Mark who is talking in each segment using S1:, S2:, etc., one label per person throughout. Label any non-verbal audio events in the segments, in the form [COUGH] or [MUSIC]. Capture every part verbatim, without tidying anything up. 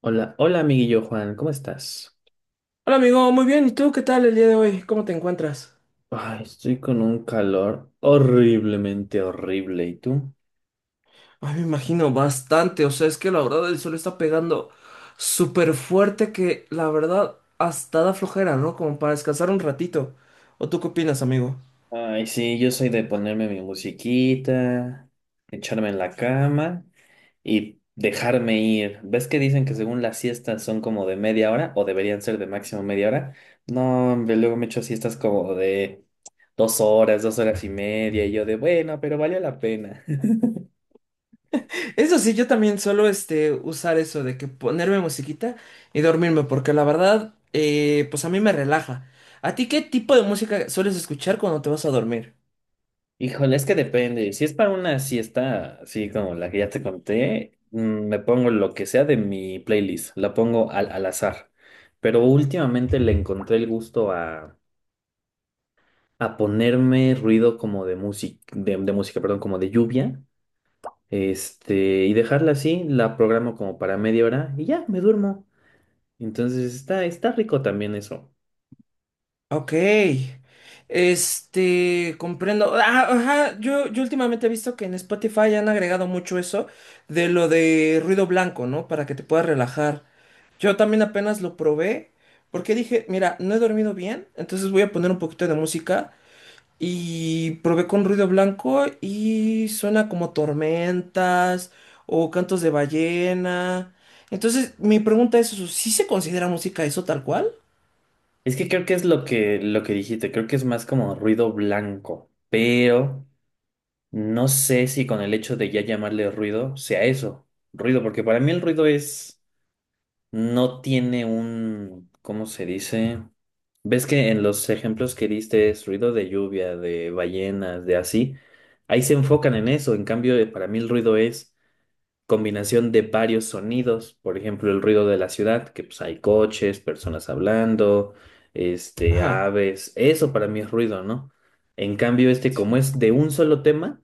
S1: Hola, hola amiguillo Juan, ¿cómo estás?
S2: Hola amigo, muy bien. ¿Y tú qué tal el día de hoy? ¿Cómo te encuentras?
S1: Ay, estoy con un calor horriblemente horrible, ¿y tú?
S2: Ay, me imagino bastante, o sea, es que la verdad el sol está pegando súper fuerte que la verdad hasta da flojera, ¿no? Como para descansar un ratito. ¿O tú qué opinas, amigo?
S1: Ay, sí, yo soy de ponerme mi musiquita, echarme en la cama y dejarme ir. ¿Ves que dicen que según las siestas son como de media hora o deberían ser de máximo media hora? No, hombre, luego me echo siestas como de dos horas, dos horas y media y yo de bueno, pero valió la pena. [LAUGHS]
S2: Eso sí, yo también suelo este, usar eso de que ponerme musiquita y dormirme, porque la verdad, eh, pues a mí me relaja. ¿A ti qué tipo de música sueles escuchar cuando te vas a dormir?
S1: Híjole, es que depende. Si es para una siesta, así como la que ya te conté, mm, me pongo lo que sea de mi playlist, la pongo al, al azar. Pero últimamente le encontré el gusto a, a ponerme ruido como de música, de, de música, perdón, como de lluvia, este, y dejarla así, la programo como para media hora y ya, me duermo. Entonces está, está rico también eso.
S2: Ok, este, comprendo. Ah, ajá, yo, yo últimamente he visto que en Spotify han agregado mucho eso de lo de ruido blanco, ¿no? Para que te puedas relajar. Yo también apenas lo probé porque dije, mira, no he dormido bien, entonces voy a poner un poquito de música y probé con ruido blanco y suena como tormentas o cantos de ballena. Entonces, mi pregunta es, ¿sí se considera música eso tal cual?
S1: Es que creo que es lo que, lo que dijiste, creo que es más como ruido blanco, pero no sé si con el hecho de ya llamarle ruido sea eso, ruido, porque para mí el ruido es, no tiene un, ¿cómo se dice? ¿Ves que en los ejemplos que diste es ruido de lluvia, de ballenas, de así? Ahí se enfocan en eso, en cambio eh, para mí el ruido es combinación de varios sonidos, por ejemplo el ruido de la ciudad, que pues hay coches, personas hablando, este,
S2: Ajá.
S1: aves, eso para mí es ruido, ¿no? En cambio este como
S2: Sí.
S1: es de un solo tema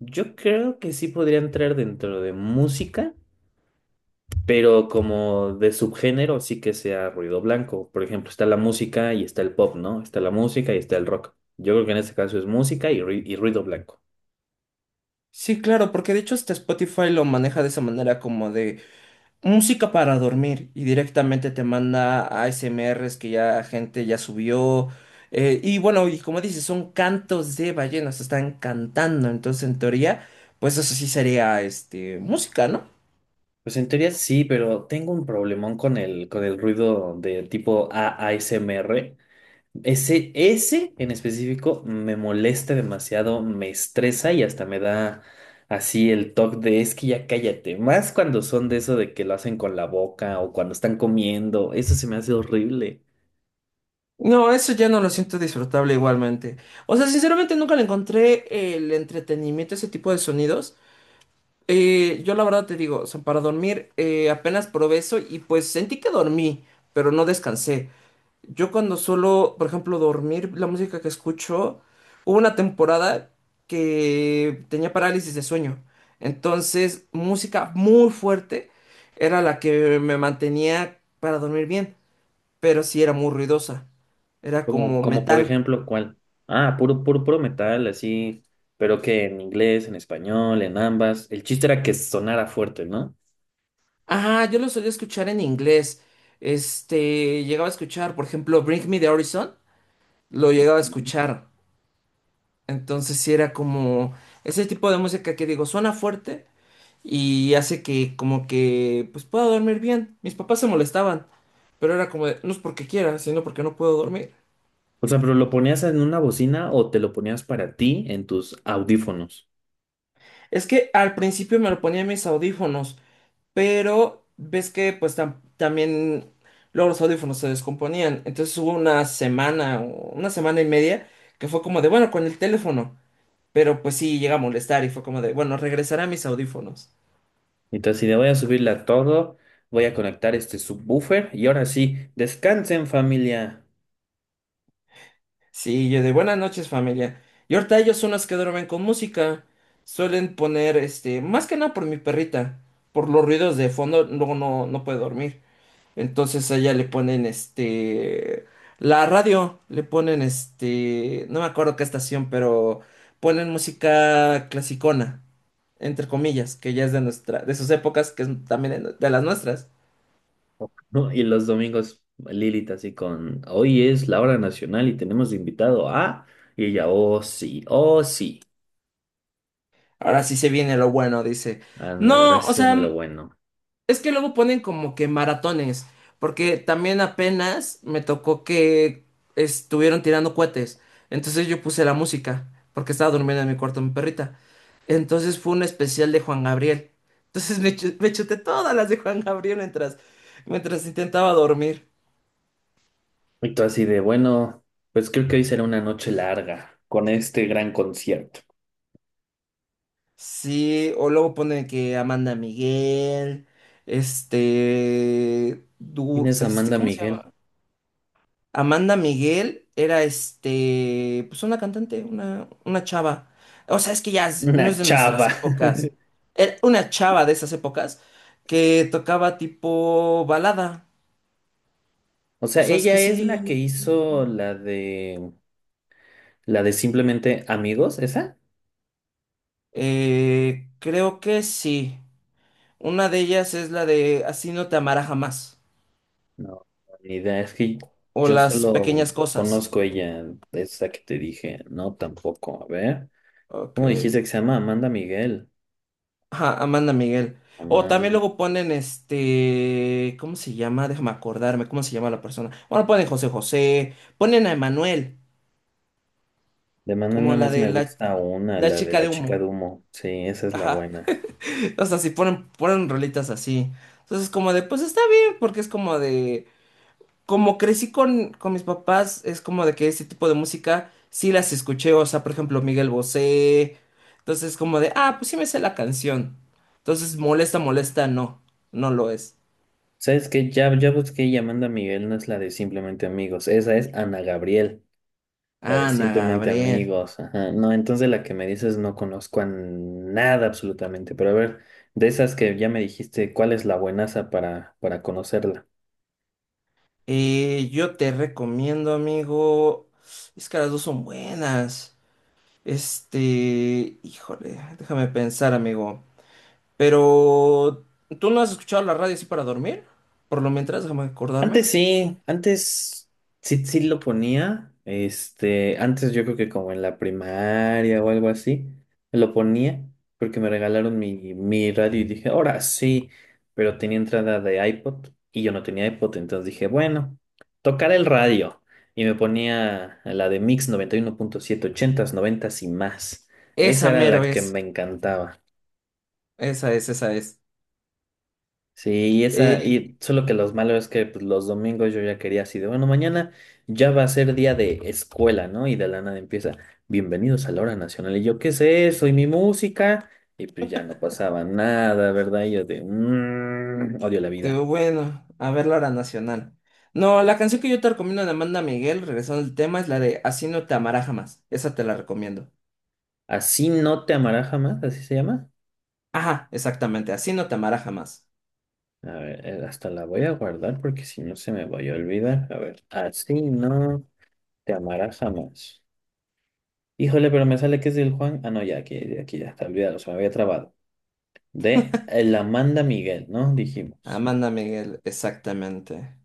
S1: yo creo que sí podría entrar dentro de música, pero como de subgénero sí que sea ruido blanco. Por ejemplo, está la música y está el pop, ¿no? Está la música y está el rock. Yo creo que en este caso es música y, rui- y ruido blanco.
S2: Sí, claro, porque de hecho hasta Spotify lo maneja de esa manera como de música para dormir y directamente te manda A S M Rs que ya gente ya subió. Eh, y bueno, y como dices, son cantos de ballenas, están cantando, entonces en teoría, pues eso sí sería este música, ¿no?
S1: Pues en teoría sí, pero tengo un problemón con el, con el ruido de tipo A S M R. Ese, ese en específico me molesta demasiado, me estresa y hasta me da así el toque de es que ya cállate. Más cuando son de eso de que lo hacen con la boca o cuando están comiendo, eso se me hace horrible.
S2: No, eso ya no lo siento disfrutable igualmente. O sea, sinceramente nunca le encontré el entretenimiento a ese tipo de sonidos. Eh, yo la verdad te digo, o sea, para dormir eh, apenas probé eso y pues sentí que dormí, pero no descansé. Yo cuando suelo, por ejemplo, dormir, la música que escucho, hubo una temporada que tenía parálisis de sueño. Entonces, música muy fuerte era la que me mantenía para dormir bien, pero sí era muy ruidosa. Era
S1: Como,
S2: como
S1: como por
S2: metal.
S1: ejemplo, ¿cuál? Ah, puro, puro, puro metal, así, pero que en inglés, en español, en ambas. El chiste era que sonara fuerte, ¿no?
S2: Ah, yo lo solía escuchar en inglés. Este, llegaba a escuchar, por ejemplo, Bring Me the Horizon. Lo llegaba a escuchar. Entonces sí era como ese tipo de música que digo, suena fuerte y hace que como que pues pueda dormir bien. Mis papás se molestaban, pero era como de, no es porque quiera, sino porque no puedo dormir.
S1: O sea, pero lo ponías en una bocina o te lo ponías para ti en tus audífonos.
S2: Es que al principio me lo ponía en mis audífonos, pero ves que pues tam- también luego los audífonos se descomponían. Entonces hubo una semana, o una semana y media, que fue como de, bueno, con el teléfono. Pero pues sí llega a molestar y fue como de, bueno, regresaré a mis audífonos.
S1: Entonces, si le voy a subirla a todo, voy a conectar este subwoofer y ahora sí, descansen familia.
S2: Sí, yo de buenas noches familia. Y ahorita ellos son los que duermen con música. Suelen poner, este, más que nada por mi perrita, por los ruidos de fondo, luego no, no puede dormir. Entonces a ella le ponen, este, la radio, le ponen, este, no me acuerdo qué estación, pero ponen música clasicona, entre comillas, que ya es de nuestra, de sus épocas, que es también de de las nuestras.
S1: ¿No? [LAUGHS] Y los domingos Lilith así con, hoy es la hora nacional y tenemos invitado a... Y ella, oh sí, oh sí.
S2: Ahora sí se viene lo bueno, dice.
S1: Ándale, ahora
S2: No, o
S1: sí
S2: sea.
S1: viene lo bueno.
S2: Es que luego ponen como que maratones, porque también apenas me tocó que estuvieron tirando cohetes. Entonces yo puse la música, porque estaba durmiendo en mi cuarto mi perrita. Entonces fue un especial de Juan Gabriel. Entonces me, chu- me chuté todas las de Juan Gabriel mientras, mientras intentaba dormir.
S1: Y tú así de, bueno, pues creo que hoy será una noche larga con este gran concierto.
S2: Sí, o luego ponen que Amanda Miguel, este,
S1: ¿Quién
S2: Dur,
S1: es
S2: este,
S1: Amanda
S2: ¿cómo se?
S1: Miguel?
S2: Amanda Miguel era este, pues una cantante, una, una chava. O sea, es que ya es- no es
S1: Una
S2: de
S1: chava.
S2: nuestras épocas.
S1: [LAUGHS]
S2: Era una chava de esas épocas que tocaba tipo balada.
S1: O
S2: O
S1: sea,
S2: sea, es que
S1: ella es la que
S2: sí.
S1: hizo la de... La de simplemente amigos, ¿esa?
S2: Eh, creo que sí. Una de ellas es la de Así no te amará jamás.
S1: No, ni idea, es que
S2: O
S1: yo
S2: las
S1: solo
S2: pequeñas cosas.
S1: conozco ella, esa que te dije, no tampoco, a ver,
S2: Ok.
S1: ¿cómo dijiste que se llama Amanda Miguel?
S2: Ajá, Amanda Miguel. O también
S1: Aman-
S2: luego ponen este, ¿cómo se llama? Déjame acordarme, ¿cómo se llama la persona? Bueno, ponen José José, ponen a Emanuel,
S1: De Amanda
S2: como
S1: nada
S2: la
S1: más
S2: de
S1: me
S2: la,
S1: gusta una,
S2: la
S1: la de
S2: chica
S1: la
S2: de
S1: chica de
S2: humo.
S1: humo, sí, esa es la
S2: Ajá.
S1: buena.
S2: [LAUGHS] O sea, si ponen, ponen rolitas así. Entonces, como de, pues está bien, porque es como de, como crecí con, con mis papás, es como de que ese tipo de música sí las escuché, o sea, por ejemplo, Miguel Bosé. Entonces, como de, ah, pues sí me sé la canción. Entonces, molesta, molesta, no, no lo es.
S1: ¿Sabes qué? Ya, ya busqué y Amanda Miguel no es la de Simplemente Amigos, esa es Ana Gabriel, la de
S2: Ana
S1: Simplemente
S2: Gabriel,
S1: Amigos, ajá, no, entonces la que me dices no conozco a nada absolutamente, pero a ver, de esas que ya me dijiste, ¿cuál es la buenaza para, para conocerla?
S2: eh, yo te recomiendo, amigo. Es que las dos son buenas. Este, híjole, déjame pensar, amigo. Pero, ¿tú no has escuchado la radio así para dormir? Por lo mientras, déjame acordarme.
S1: Antes sí, antes sí, sí lo ponía. Este, antes yo creo que como en la primaria o algo así, lo ponía porque me regalaron mi, mi radio y dije, ahora sí, pero tenía entrada de iPod y yo no tenía iPod, entonces dije, bueno, tocar el radio. Y me ponía la de Mix noventa y uno punto siete ochentas noventas y más. Esa
S2: Esa
S1: era la
S2: mero
S1: que
S2: es.
S1: me encantaba.
S2: Esa es, esa es.
S1: Sí, y
S2: Eh,
S1: esa, y solo que los malos es que pues, los domingos yo ya quería así de, bueno, mañana ya va a ser día de escuela, ¿no? Y de la nada empieza, bienvenidos a la hora nacional. Y yo, ¿qué es eso? Y mi música. Y pues ya no pasaba nada, ¿verdad? Y yo de, "Mm, odio la
S2: este,
S1: vida".
S2: bueno, a ver la hora nacional. No, la canción que yo te recomiendo de Amanda Miguel, regresando al tema, es la de Así no te amará jamás. Esa te la recomiendo.
S1: Así no te amará jamás, así se llama.
S2: Ajá, exactamente, Así no te amará jamás.
S1: A ver, eh, hasta la voy a guardar porque si no se me voy a olvidar. A ver, así no te amará jamás. Híjole, pero me sale que es del Juan. Ah, no, ya, aquí, aquí ya está, olvidado, se me había trabado. De eh, la Amanda Miguel, ¿no? Dijimos.
S2: Amanda Miguel, exactamente.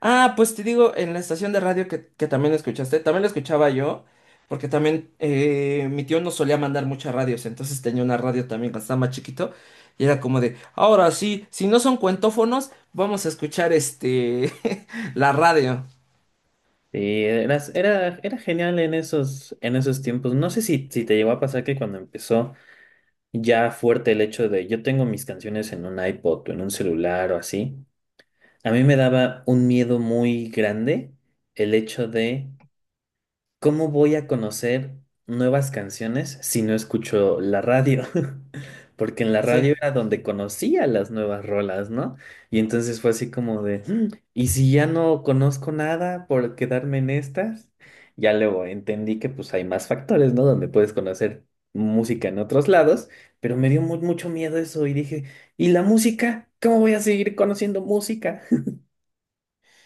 S2: Ah, pues te digo, en la estación de radio que, que también la escuchaste, también la escuchaba yo, porque también eh, mi tío no solía mandar muchas radios, entonces tenía una radio también cuando estaba más chiquito, y era como de, ahora sí, si no son cuentófonos, vamos a escuchar este, [LAUGHS] la radio.
S1: Y eras- era, era genial en esos, en esos tiempos. No sé si, si te llegó a pasar que cuando empezó ya fuerte el hecho de yo tengo mis canciones en un iPod o en un celular o así, a mí me daba un miedo muy grande el hecho de ¿cómo voy a conocer nuevas canciones si no escucho la radio? [LAUGHS] Porque en la radio
S2: Sí.
S1: era donde conocía las nuevas rolas, ¿no? Y entonces fue así como de, "Mm, ¿y si ya no conozco nada por quedarme en estas?". Ya luego entendí que pues hay más factores, ¿no? Donde puedes conocer música en otros lados, pero me dio mu- mucho miedo eso y dije, ¿y la música? ¿Cómo voy a seguir conociendo música?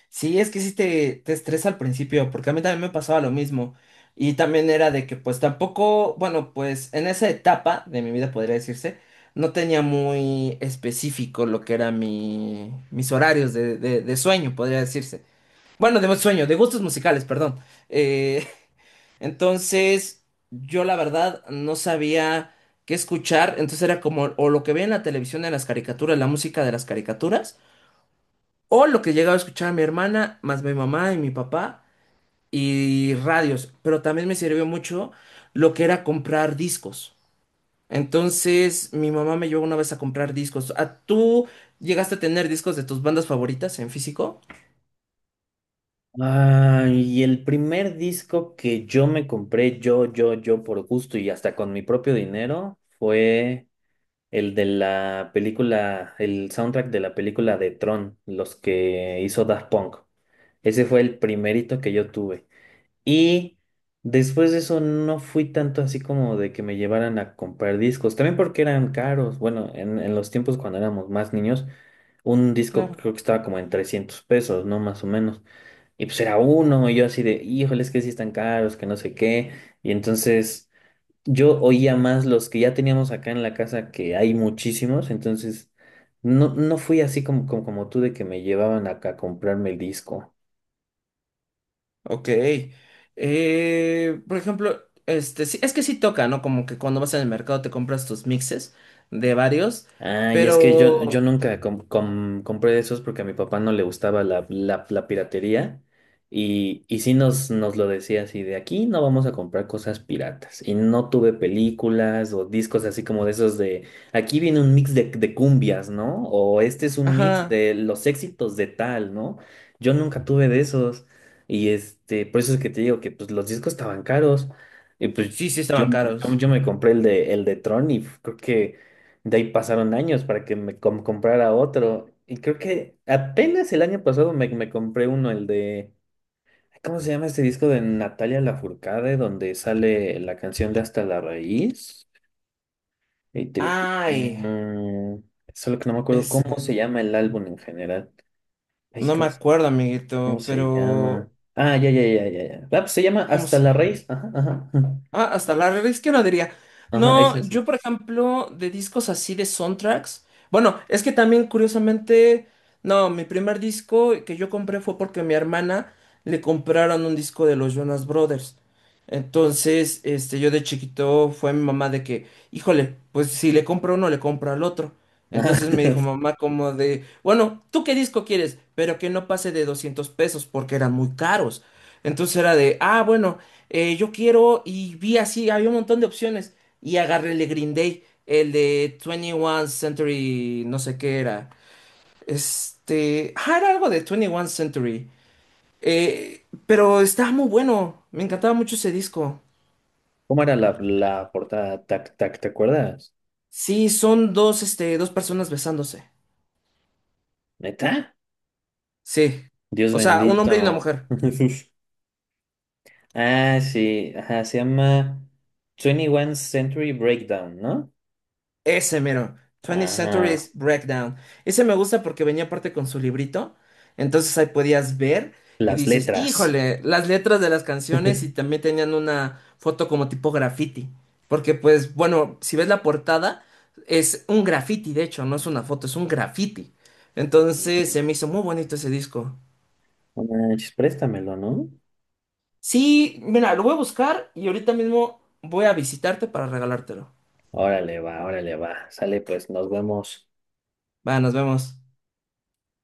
S2: Sí, es que sí te, te estresa al principio, porque a mí también me pasaba lo mismo. Y también era de que pues tampoco, bueno, pues en esa etapa de mi vida podría decirse, no tenía muy específico lo que eran mi, mis horarios de, de, de sueño, podría decirse. Bueno, de sueño, de gustos musicales, perdón. Eh, [LAUGHS] entonces, yo la verdad no sabía qué escuchar, entonces era como o lo que veía en la televisión de las caricaturas, la música de las caricaturas o lo que llegaba a escuchar mi hermana, más mi mamá y mi papá, y radios. Pero también me sirvió mucho lo que era comprar discos. Entonces, mi mamá me llevó una vez a comprar discos. ¿A tú llegaste a tener discos de tus bandas favoritas en físico?
S1: Ah, y el primer disco que yo me compré, yo, yo, yo, por gusto y hasta con mi propio dinero, fue el de la película, el soundtrack de la película de Tron, los que hizo Daft Punk. Ese fue el primerito que yo tuve. Y después de eso no fui tanto así como de que me llevaran a comprar discos, también porque eran caros. Bueno, en, en los tiempos cuando éramos más niños, un disco
S2: Claro.
S1: creo que estaba como en trescientos pesos, ¿no? Más o menos. Y pues era uno, y yo así de, híjole, es que sí están caros, que no sé qué. Y entonces yo oía más los que ya teníamos acá en la casa, que hay muchísimos, entonces no, no fui así como, como, como tú de que me llevaban acá a comprarme el disco.
S2: Ok. Eh, por ejemplo, este, sí, es que sí toca, ¿no? Como que cuando vas en el mercado te compras tus mixes de varios,
S1: Ah, y es que yo, yo
S2: pero...
S1: nunca com- com- compré de esos porque a mi papá no le gustaba la, la, la piratería y, y sí nos, nos lo decía así de aquí no vamos a comprar cosas piratas y no tuve películas o discos así como de esos de aquí viene un mix de, de cumbias, ¿no? O este es un mix
S2: Ajá.
S1: de los éxitos de tal, ¿no? Yo nunca tuve de esos y este, por eso es que te digo que pues los discos estaban caros y pues
S2: Sí, sí
S1: yo,
S2: estaban
S1: yo,
S2: caros.
S1: yo me compré el de, el de Tron y creo que... De ahí pasaron años para que me com- comprara otro. Y creo que apenas el año pasado me, me compré uno, el de... ¿Cómo se llama este disco de Natalia Lafourcade? Donde sale la canción de Hasta la Raíz. Y tri- tri-
S2: Ay,
S1: mm, solo que no me acuerdo
S2: ese.
S1: cómo se llama el álbum en general. Ay,
S2: No me
S1: ¿cómo, se
S2: acuerdo,
S1: cómo
S2: amiguito,
S1: se
S2: pero
S1: llama? Ah, ya, ya, ya, ya, ya. Ah, pues se llama
S2: ¿cómo
S1: Hasta
S2: se?
S1: la Raíz. Ajá, ajá. Ajá,
S2: Ah, hasta la revés izquierda diría.
S1: ajá, es
S2: No,
S1: ese.
S2: yo por ejemplo, de discos así de soundtracks. Bueno, es que también curiosamente, no, mi primer disco que yo compré fue porque a mi hermana le compraron un disco de los Jonas Brothers. Entonces, este, yo de chiquito fue mi mamá de que, híjole, pues si le compro uno, le compro al otro.
S1: Ajá.
S2: Entonces me dijo
S1: [LAUGHS]
S2: mamá como de, bueno, ¿tú qué disco quieres? Pero que no pase de doscientos pesos porque eran muy caros. Entonces era de, ah, bueno eh, yo quiero, y vi así, había un montón de opciones, y agarré el de Green Day, el de veintiuno Century, no sé qué era, este, ah, era algo de veintiuno Century, eh, pero estaba muy bueno, me encantaba mucho ese disco.
S1: ¿Cómo era la, la portada? Tac tac, ¿te acuerdas?
S2: Sí, son dos, este, dos personas besándose,
S1: ¿Neta?
S2: sí,
S1: Dios
S2: o sea, un hombre y una
S1: bendito.
S2: mujer.
S1: [LAUGHS] Ah, sí, ajá, se llama veintiuno Century Breakdown, ¿no?
S2: Ese mero, veinte Century
S1: Ajá,
S2: Breakdown. Ese me gusta porque venía aparte con su librito, entonces ahí podías ver y
S1: las
S2: dices,
S1: letras.
S2: híjole, las letras de las canciones y
S1: [LAUGHS]
S2: también tenían una foto como tipo graffiti, porque pues bueno, si ves la portada, es un graffiti, de hecho, no es una foto, es un graffiti. Entonces se me hizo muy bonito ese disco.
S1: No manches, préstamelo, ¿no?
S2: Sí, mira, lo voy a buscar y ahorita mismo voy a visitarte para regalártelo.
S1: Órale, va, órale, va. Sale, pues, nos vemos.
S2: Va, nos vemos.